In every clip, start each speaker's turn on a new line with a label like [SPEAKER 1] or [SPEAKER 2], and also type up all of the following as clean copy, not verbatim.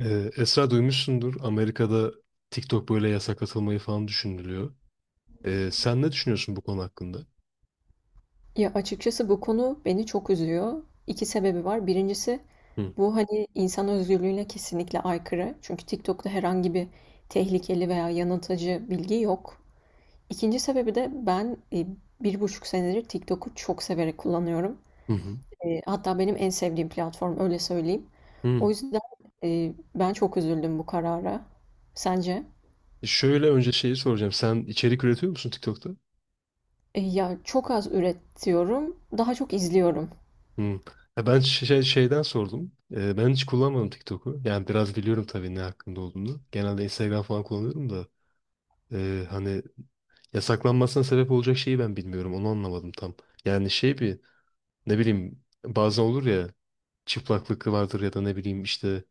[SPEAKER 1] Esra duymuşsundur. Amerika'da TikTok böyle yasaklatılmayı falan düşünülüyor. Sen ne düşünüyorsun bu konu hakkında?
[SPEAKER 2] Ya, açıkçası bu konu beni çok üzüyor. 2 sebebi var. Birincisi
[SPEAKER 1] Hı.
[SPEAKER 2] bu, hani, insan özgürlüğüne kesinlikle aykırı. Çünkü TikTok'ta herhangi bir tehlikeli veya yanıltıcı bilgi yok. İkinci sebebi de 1,5 senedir TikTok'u çok severek kullanıyorum.
[SPEAKER 1] Hı hı.
[SPEAKER 2] Hatta benim en sevdiğim platform, öyle söyleyeyim. O
[SPEAKER 1] Hı.
[SPEAKER 2] yüzden, ben çok üzüldüm bu karara. Sence?
[SPEAKER 1] Şöyle önce şeyi soracağım. Sen içerik üretiyor musun TikTok'ta?
[SPEAKER 2] Çok az üretiyorum, daha çok izliyorum.
[SPEAKER 1] Hı. Ya ben şey, şeyden sordum. Ben hiç kullanmadım TikTok'u. Yani biraz biliyorum tabii ne hakkında olduğunu. Genelde Instagram falan kullanıyorum da. Hani yasaklanmasına sebep olacak şeyi ben bilmiyorum. Onu anlamadım tam. Yani şey bir, ne bileyim, bazen olur ya, çıplaklık vardır ya da ne bileyim işte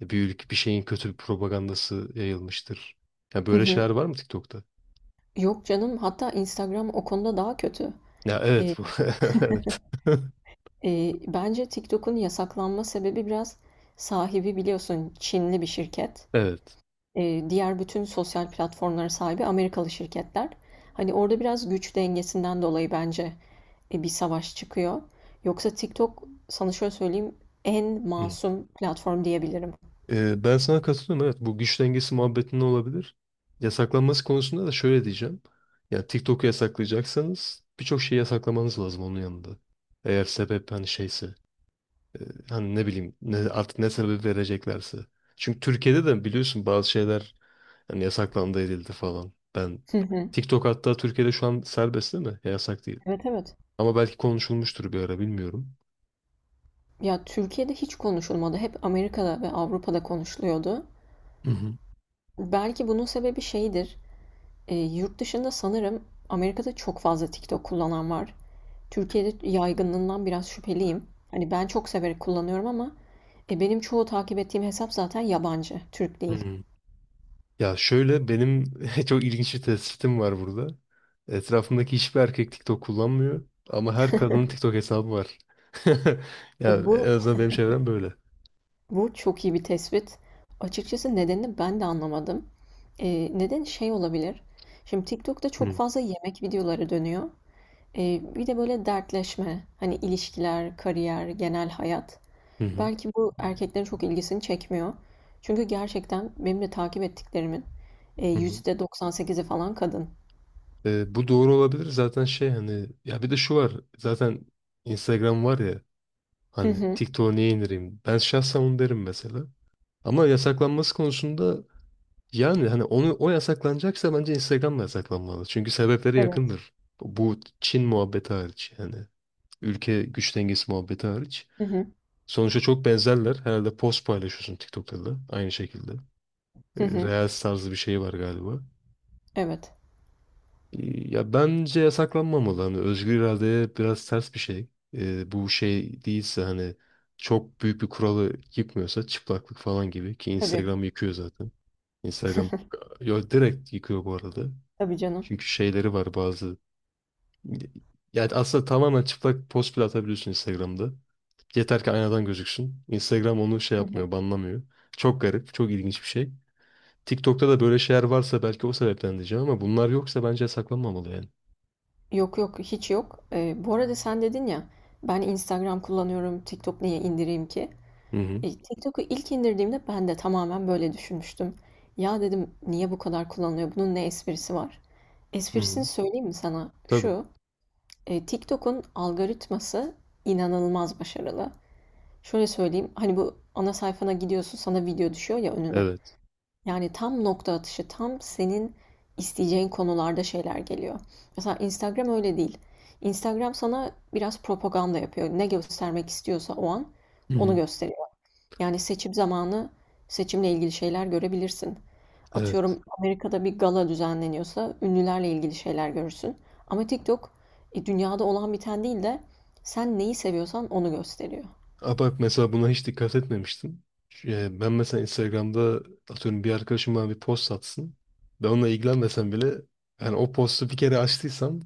[SPEAKER 1] bir şeyin kötü bir propagandası yayılmıştır. Ya
[SPEAKER 2] Hı
[SPEAKER 1] böyle
[SPEAKER 2] hı.
[SPEAKER 1] şeyler var mı TikTok'ta?
[SPEAKER 2] Yok canım, hatta Instagram o konuda daha kötü.
[SPEAKER 1] Ya evet
[SPEAKER 2] Eee,
[SPEAKER 1] bu. Evet.
[SPEAKER 2] bence TikTok'un yasaklanma sebebi biraz sahibi biliyorsun Çinli bir şirket.
[SPEAKER 1] Evet.
[SPEAKER 2] Diğer bütün sosyal platformlara sahibi Amerikalı şirketler. Hani orada biraz güç dengesinden dolayı bence bir savaş çıkıyor. Yoksa TikTok sana şöyle söyleyeyim en
[SPEAKER 1] Hı.
[SPEAKER 2] masum platform diyebilirim.
[SPEAKER 1] Ben sana katılıyorum. Evet bu güç dengesi muhabbetinde olabilir. Yasaklanması konusunda da şöyle diyeceğim. Ya TikTok'u yasaklayacaksanız birçok şeyi yasaklamanız lazım onun yanında. Eğer sebep hani şeyse, hani ne bileyim ne, artık ne sebep vereceklerse. Çünkü Türkiye'de de biliyorsun bazı şeyler, yani yasaklandı edildi falan. Ben
[SPEAKER 2] Hı hı.
[SPEAKER 1] TikTok hatta Türkiye'de şu an serbest değil mi? Ya yasak değil.
[SPEAKER 2] Evet evet.
[SPEAKER 1] Ama belki konuşulmuştur bir ara, bilmiyorum.
[SPEAKER 2] Ya Türkiye'de hiç konuşulmadı. Hep Amerika'da ve Avrupa'da konuşuluyordu.
[SPEAKER 1] Hı hı.
[SPEAKER 2] Belki bunun sebebi şeydir. Yurt dışında sanırım Amerika'da çok fazla TikTok kullanan var. Türkiye'de yaygınlığından biraz şüpheliyim. Hani ben çok severek kullanıyorum ama benim çoğu takip ettiğim hesap zaten yabancı, Türk
[SPEAKER 1] Hı
[SPEAKER 2] değil.
[SPEAKER 1] hı. Ya şöyle benim çok ilginç bir tespitim var burada. Etrafımdaki hiçbir erkek TikTok kullanmıyor ama her kadının TikTok hesabı var. Ya
[SPEAKER 2] Ya bu
[SPEAKER 1] en azından benim çevrem böyle.
[SPEAKER 2] bu çok iyi bir tespit. Açıkçası nedenini ben de anlamadım. E, neden şey olabilir? Şimdi TikTok'ta çok
[SPEAKER 1] Hı
[SPEAKER 2] fazla yemek videoları dönüyor. E, bir de böyle dertleşme, hani ilişkiler, kariyer, genel hayat.
[SPEAKER 1] hı hı.
[SPEAKER 2] Belki bu erkeklerin çok ilgisini çekmiyor. Çünkü gerçekten benim de takip ettiklerimin,
[SPEAKER 1] Hı hı.
[SPEAKER 2] %98'i falan kadın.
[SPEAKER 1] Bu doğru olabilir zaten şey hani, ya bir de şu var, zaten Instagram var ya.
[SPEAKER 2] Hı
[SPEAKER 1] Hani
[SPEAKER 2] hı.
[SPEAKER 1] TikTok'a niye indireyim? Ben şahsen onu derim mesela. Ama yasaklanması konusunda, yani hani onu o yasaklanacaksa bence Instagram da yasaklanmalı. Çünkü sebepleri
[SPEAKER 2] Evet.
[SPEAKER 1] yakındır. Bu Çin muhabbeti hariç yani. Ülke güç dengesi muhabbeti hariç.
[SPEAKER 2] Hı hı.
[SPEAKER 1] Sonuçta çok benzerler. Herhalde post paylaşıyorsun TikTok'ta da aynı şekilde. E,
[SPEAKER 2] Hı hı.
[SPEAKER 1] Reels tarzı bir şey var galiba.
[SPEAKER 2] Evet.
[SPEAKER 1] Ya bence yasaklanmamalı. Hani özgür iradeye biraz ters bir şey. Bu şey değilse, hani çok büyük bir kuralı yıkmıyorsa, çıplaklık falan gibi, ki
[SPEAKER 2] Tabii.
[SPEAKER 1] Instagram yıkıyor zaten. Instagram, yo, direkt yıkıyor bu arada.
[SPEAKER 2] Tabii canım.
[SPEAKER 1] Çünkü şeyleri var bazı. Yani aslında tamamen çıplak post bile atabiliyorsun Instagram'da. Yeter ki aynadan gözüksün. Instagram onu şey
[SPEAKER 2] Hı hı.
[SPEAKER 1] yapmıyor, banlamıyor. Çok garip, çok ilginç bir şey. TikTok'ta da böyle şeyler varsa belki o sebepten diyeceğim ama bunlar yoksa bence yasaklanmamalı yani.
[SPEAKER 2] Yok yok, hiç yok. Bu arada sen dedin ya, ben Instagram kullanıyorum, TikTok niye indireyim ki?
[SPEAKER 1] Hı hı.
[SPEAKER 2] E, TikTok'u ilk indirdiğimde ben de tamamen böyle düşünmüştüm. Ya dedim niye bu kadar kullanılıyor? Bunun ne esprisi var?
[SPEAKER 1] Hı hı.
[SPEAKER 2] Esprisini söyleyeyim mi sana?
[SPEAKER 1] Tabii.
[SPEAKER 2] Şu, E, TikTok'un algoritması inanılmaz başarılı. Şöyle söyleyeyim, hani bu ana sayfana gidiyorsun, sana video düşüyor ya önüne.
[SPEAKER 1] Evet.
[SPEAKER 2] Yani tam nokta atışı, tam senin isteyeceğin konularda şeyler geliyor. Mesela Instagram öyle değil. Instagram sana biraz propaganda yapıyor. Ne göstermek istiyorsa o an
[SPEAKER 1] Hı
[SPEAKER 2] onu
[SPEAKER 1] hı.
[SPEAKER 2] gösteriyor. Yani seçim zamanı seçimle ilgili şeyler görebilirsin.
[SPEAKER 1] Evet.
[SPEAKER 2] Atıyorum Amerika'da bir gala düzenleniyorsa ünlülerle ilgili şeyler görürsün. Ama TikTok dünyada olan biten değil de sen neyi seviyorsan onu gösteriyor.
[SPEAKER 1] Aa, bak mesela buna hiç dikkat etmemiştim. Ben mesela Instagram'da atıyorum bir arkadaşım bana bir post atsın. Ben onunla ilgilenmesem bile, yani o postu bir kere açtıysam,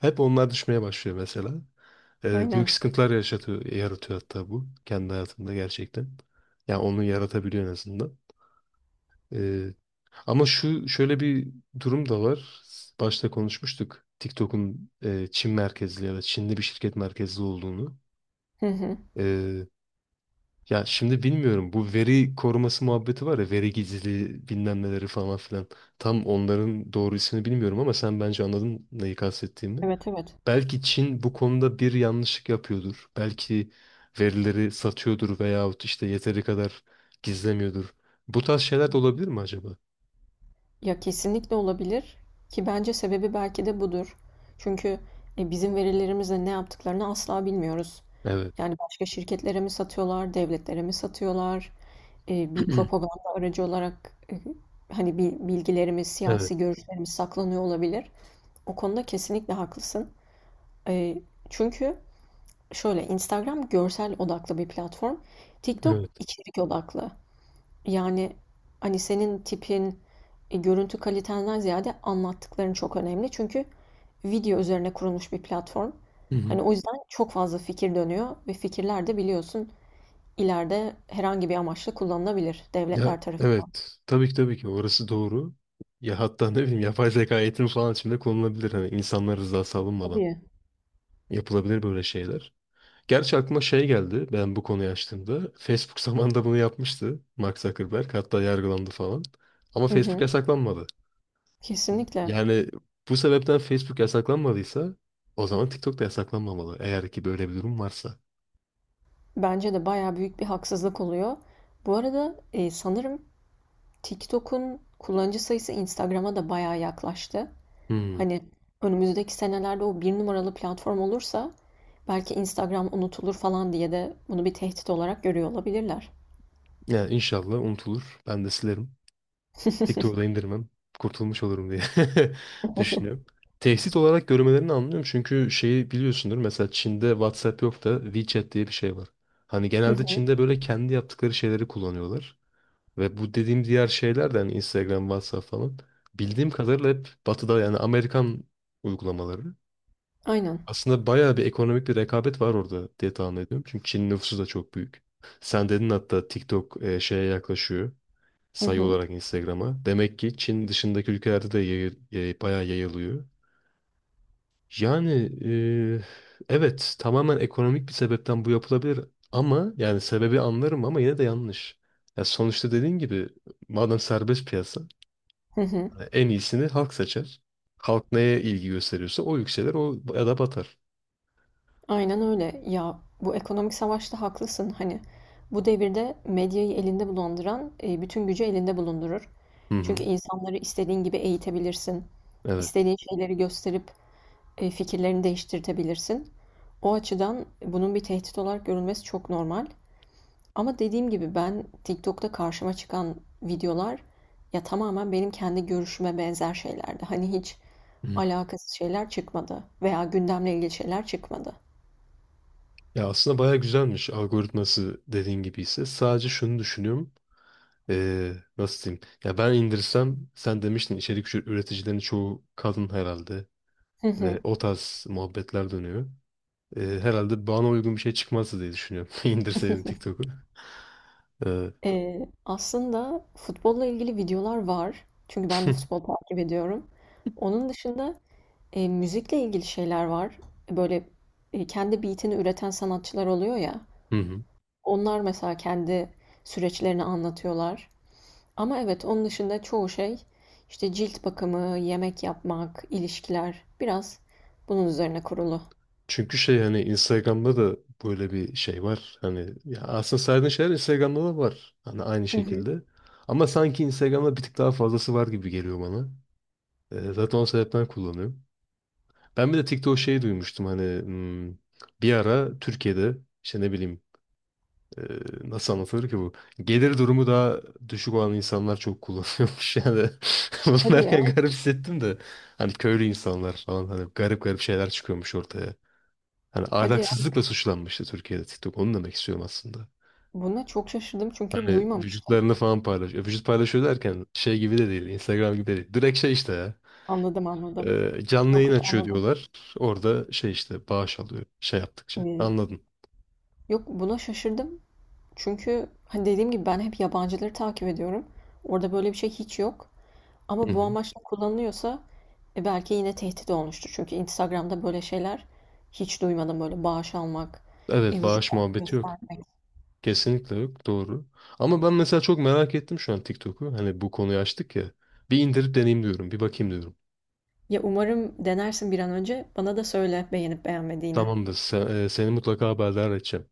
[SPEAKER 1] hep onlar düşmeye başlıyor mesela. E, büyük
[SPEAKER 2] Aynen.
[SPEAKER 1] sıkıntılar yaşatıyor, yaratıyor hatta bu. Kendi hayatımda gerçekten. Yani onu yaratabiliyor en azından. E, ama şu şöyle bir durum da var. Başta konuşmuştuk. TikTok'un e, Çin merkezli ya da Çinli bir şirket merkezli olduğunu.
[SPEAKER 2] Hı hı.
[SPEAKER 1] Ee, Ya şimdi bilmiyorum, bu veri koruması muhabbeti var ya, veri gizliliği bilmem neleri falan filan. Tam onların doğru ismini bilmiyorum ama sen bence anladın neyi kastettiğimi.
[SPEAKER 2] Evet evet.
[SPEAKER 1] Belki Çin bu konuda bir yanlışlık yapıyordur. Belki verileri satıyordur veyahut işte yeteri kadar gizlemiyordur. Bu tarz şeyler de olabilir mi acaba?
[SPEAKER 2] Ya kesinlikle olabilir ki bence sebebi belki de budur. Çünkü bizim verilerimizle ne yaptıklarını asla bilmiyoruz.
[SPEAKER 1] Evet.
[SPEAKER 2] Yani başka şirketlere mi satıyorlar, devletlere mi satıyorlar? Bir propaganda aracı olarak hani bir bilgilerimiz,
[SPEAKER 1] Evet.
[SPEAKER 2] siyasi görüşlerimiz saklanıyor olabilir. O konuda kesinlikle haklısın. E, çünkü şöyle Instagram görsel odaklı bir platform. TikTok
[SPEAKER 1] Evet.
[SPEAKER 2] içerik odaklı. Yani hani senin tipin, görüntü kalitenden ziyade anlattıkların çok önemli. Çünkü video üzerine kurulmuş bir platform.
[SPEAKER 1] Hı hı.
[SPEAKER 2] Hani o yüzden çok fazla fikir dönüyor ve fikirler de biliyorsun ileride herhangi bir amaçla kullanılabilir
[SPEAKER 1] Ya
[SPEAKER 2] devletler tarafından.
[SPEAKER 1] evet. Tabii ki tabii ki orası doğru. Ya hatta ne bileyim yapay zeka eğitimi falan içinde konulabilir. Hani insanlar rızası alınmadan.
[SPEAKER 2] Tabii.
[SPEAKER 1] Yapılabilir böyle şeyler. Gerçi aklıma şey geldi ben bu konuyu açtığımda. Facebook zamanında bunu yapmıştı Mark Zuckerberg. Hatta yargılandı falan. Ama
[SPEAKER 2] Hı
[SPEAKER 1] Facebook
[SPEAKER 2] hı.
[SPEAKER 1] yasaklanmadı.
[SPEAKER 2] Kesinlikle.
[SPEAKER 1] Yani bu sebepten Facebook yasaklanmadıysa o zaman TikTok da yasaklanmamalı. Eğer ki böyle bir durum varsa.
[SPEAKER 2] Bence de bayağı büyük bir haksızlık oluyor. Bu arada sanırım TikTok'un kullanıcı sayısı Instagram'a da bayağı yaklaştı.
[SPEAKER 1] Hmm.
[SPEAKER 2] Hani önümüzdeki senelerde o bir numaralı platform olursa belki Instagram unutulur falan diye de bunu bir tehdit olarak görüyor olabilirler.
[SPEAKER 1] Yani inşallah unutulur. Ben de silerim. Tek turda indirmem. Kurtulmuş olurum diye düşünüyorum. Tehdit olarak görmelerini anlıyorum. Çünkü şeyi biliyorsundur. Mesela Çin'de WhatsApp yok da WeChat diye bir şey var. Hani
[SPEAKER 2] Hı
[SPEAKER 1] genelde
[SPEAKER 2] hı.
[SPEAKER 1] Çin'de böyle kendi yaptıkları şeyleri kullanıyorlar. Ve bu dediğim diğer şeyler de hani Instagram, WhatsApp falan. Bildiğim kadarıyla hep Batı'da, yani Amerikan uygulamaları.
[SPEAKER 2] Aynen.
[SPEAKER 1] Aslında bayağı bir ekonomik bir rekabet var orada diye tahmin ediyorum. Çünkü Çin nüfusu da çok büyük. Sen dedin hatta TikTok e, şeye yaklaşıyor,
[SPEAKER 2] Hı
[SPEAKER 1] sayı
[SPEAKER 2] hı.
[SPEAKER 1] olarak Instagram'a. Demek ki Çin dışındaki ülkelerde de bayağı yayılıyor. Yani e, evet tamamen ekonomik bir sebepten bu yapılabilir ama yani sebebi anlarım ama yine de yanlış. Ya sonuçta dediğin gibi, madem serbest piyasa,
[SPEAKER 2] Hı hı.
[SPEAKER 1] hani en iyisini halk seçer. Halk neye ilgi gösteriyorsa o yükselir o ya da batar.
[SPEAKER 2] Aynen öyle. Ya bu ekonomik savaşta haklısın. Hani bu devirde medyayı elinde bulunduran bütün gücü elinde bulundurur.
[SPEAKER 1] Hı
[SPEAKER 2] Çünkü
[SPEAKER 1] hı,
[SPEAKER 2] insanları istediğin gibi eğitebilirsin.
[SPEAKER 1] evet.
[SPEAKER 2] İstediğin şeyleri gösterip fikirlerini değiştirtebilirsin. O açıdan bunun bir tehdit olarak görülmesi çok normal. Ama dediğim gibi ben TikTok'ta karşıma çıkan videolar ya tamamen benim kendi görüşüme benzer şeylerdi. Hani hiç
[SPEAKER 1] Hı.
[SPEAKER 2] alakasız şeyler çıkmadı veya gündemle ilgili şeyler çıkmadı.
[SPEAKER 1] Ya aslında bayağı güzelmiş algoritması dediğin gibi ise, sadece şunu düşünüyorum. Nasıl diyeyim? Ya ben indirsem, sen demiştin içerik üreticilerin çoğu kadın herhalde ve o tarz muhabbetler dönüyor. Herhalde bana uygun bir şey çıkmazdı diye düşünüyorum. İndirseydim TikTok'u. Ee,
[SPEAKER 2] Aslında futbolla ilgili videolar var. Çünkü ben de futbol takip ediyorum. Onun dışında müzikle ilgili şeyler var. Böyle kendi beatini üreten sanatçılar oluyor ya.
[SPEAKER 1] hı hı.
[SPEAKER 2] Onlar mesela kendi süreçlerini anlatıyorlar. Ama evet onun dışında çoğu şey işte cilt bakımı, yemek yapmak, ilişkiler biraz bunun üzerine kurulu.
[SPEAKER 1] Çünkü şey hani Instagram'da da böyle bir şey var. Hani ya aslında saydığın şeyler Instagram'da da var. Hani aynı
[SPEAKER 2] Hı hı.
[SPEAKER 1] şekilde. Ama sanki Instagram'da bir tık daha fazlası var gibi geliyor bana. Zaten o sebepten kullanıyorum. Ben bir de TikTok şeyi duymuştum hani hmm, bir ara Türkiye'de işte ne bileyim, ee, nasıl anlatılır ki bu? Gelir durumu daha düşük olan insanlar çok kullanıyormuş yani. Bunu
[SPEAKER 2] Hadi
[SPEAKER 1] derken
[SPEAKER 2] ya.
[SPEAKER 1] garip hissettim de. Hani köylü insanlar falan, hani garip garip şeyler çıkıyormuş ortaya. Hani
[SPEAKER 2] Hadi ya.
[SPEAKER 1] ahlaksızlıkla suçlanmıştı Türkiye'de TikTok. Onu demek istiyorum aslında.
[SPEAKER 2] Buna çok şaşırdım çünkü
[SPEAKER 1] Hani
[SPEAKER 2] duymamıştım.
[SPEAKER 1] vücutlarını falan paylaşıyor. Vücut paylaşıyor derken şey gibi de değil. Instagram gibi de değil. Direkt şey işte ya.
[SPEAKER 2] Anladım anladım.
[SPEAKER 1] Canlı
[SPEAKER 2] Yok
[SPEAKER 1] yayın
[SPEAKER 2] yok
[SPEAKER 1] açıyor
[SPEAKER 2] anladım.
[SPEAKER 1] diyorlar. Orada şey işte bağış alıyor. Şey yaptıkça.
[SPEAKER 2] Ee,
[SPEAKER 1] Anladın.
[SPEAKER 2] Yok buna şaşırdım. Çünkü hani dediğim gibi ben hep yabancıları takip ediyorum. Orada böyle bir şey hiç yok.
[SPEAKER 1] Hı
[SPEAKER 2] Ama bu
[SPEAKER 1] hı.
[SPEAKER 2] amaçla kullanılıyorsa belki yine tehdit olmuştur. Çünkü Instagram'da böyle şeyler hiç duymadım. Böyle bağış almak,
[SPEAKER 1] Evet
[SPEAKER 2] vücut
[SPEAKER 1] bağış muhabbeti yok.
[SPEAKER 2] göstermek.
[SPEAKER 1] Kesinlikle yok. Doğru. Ama ben mesela çok merak ettim şu an TikTok'u. Hani bu konuyu açtık ya. Bir indirip deneyeyim diyorum. Bir bakayım diyorum.
[SPEAKER 2] Ya umarım denersin bir an önce. Bana da söyle beğenip beğenmediğini.
[SPEAKER 1] Tamamdır. Sen, e, seni mutlaka haberdar edeceğim.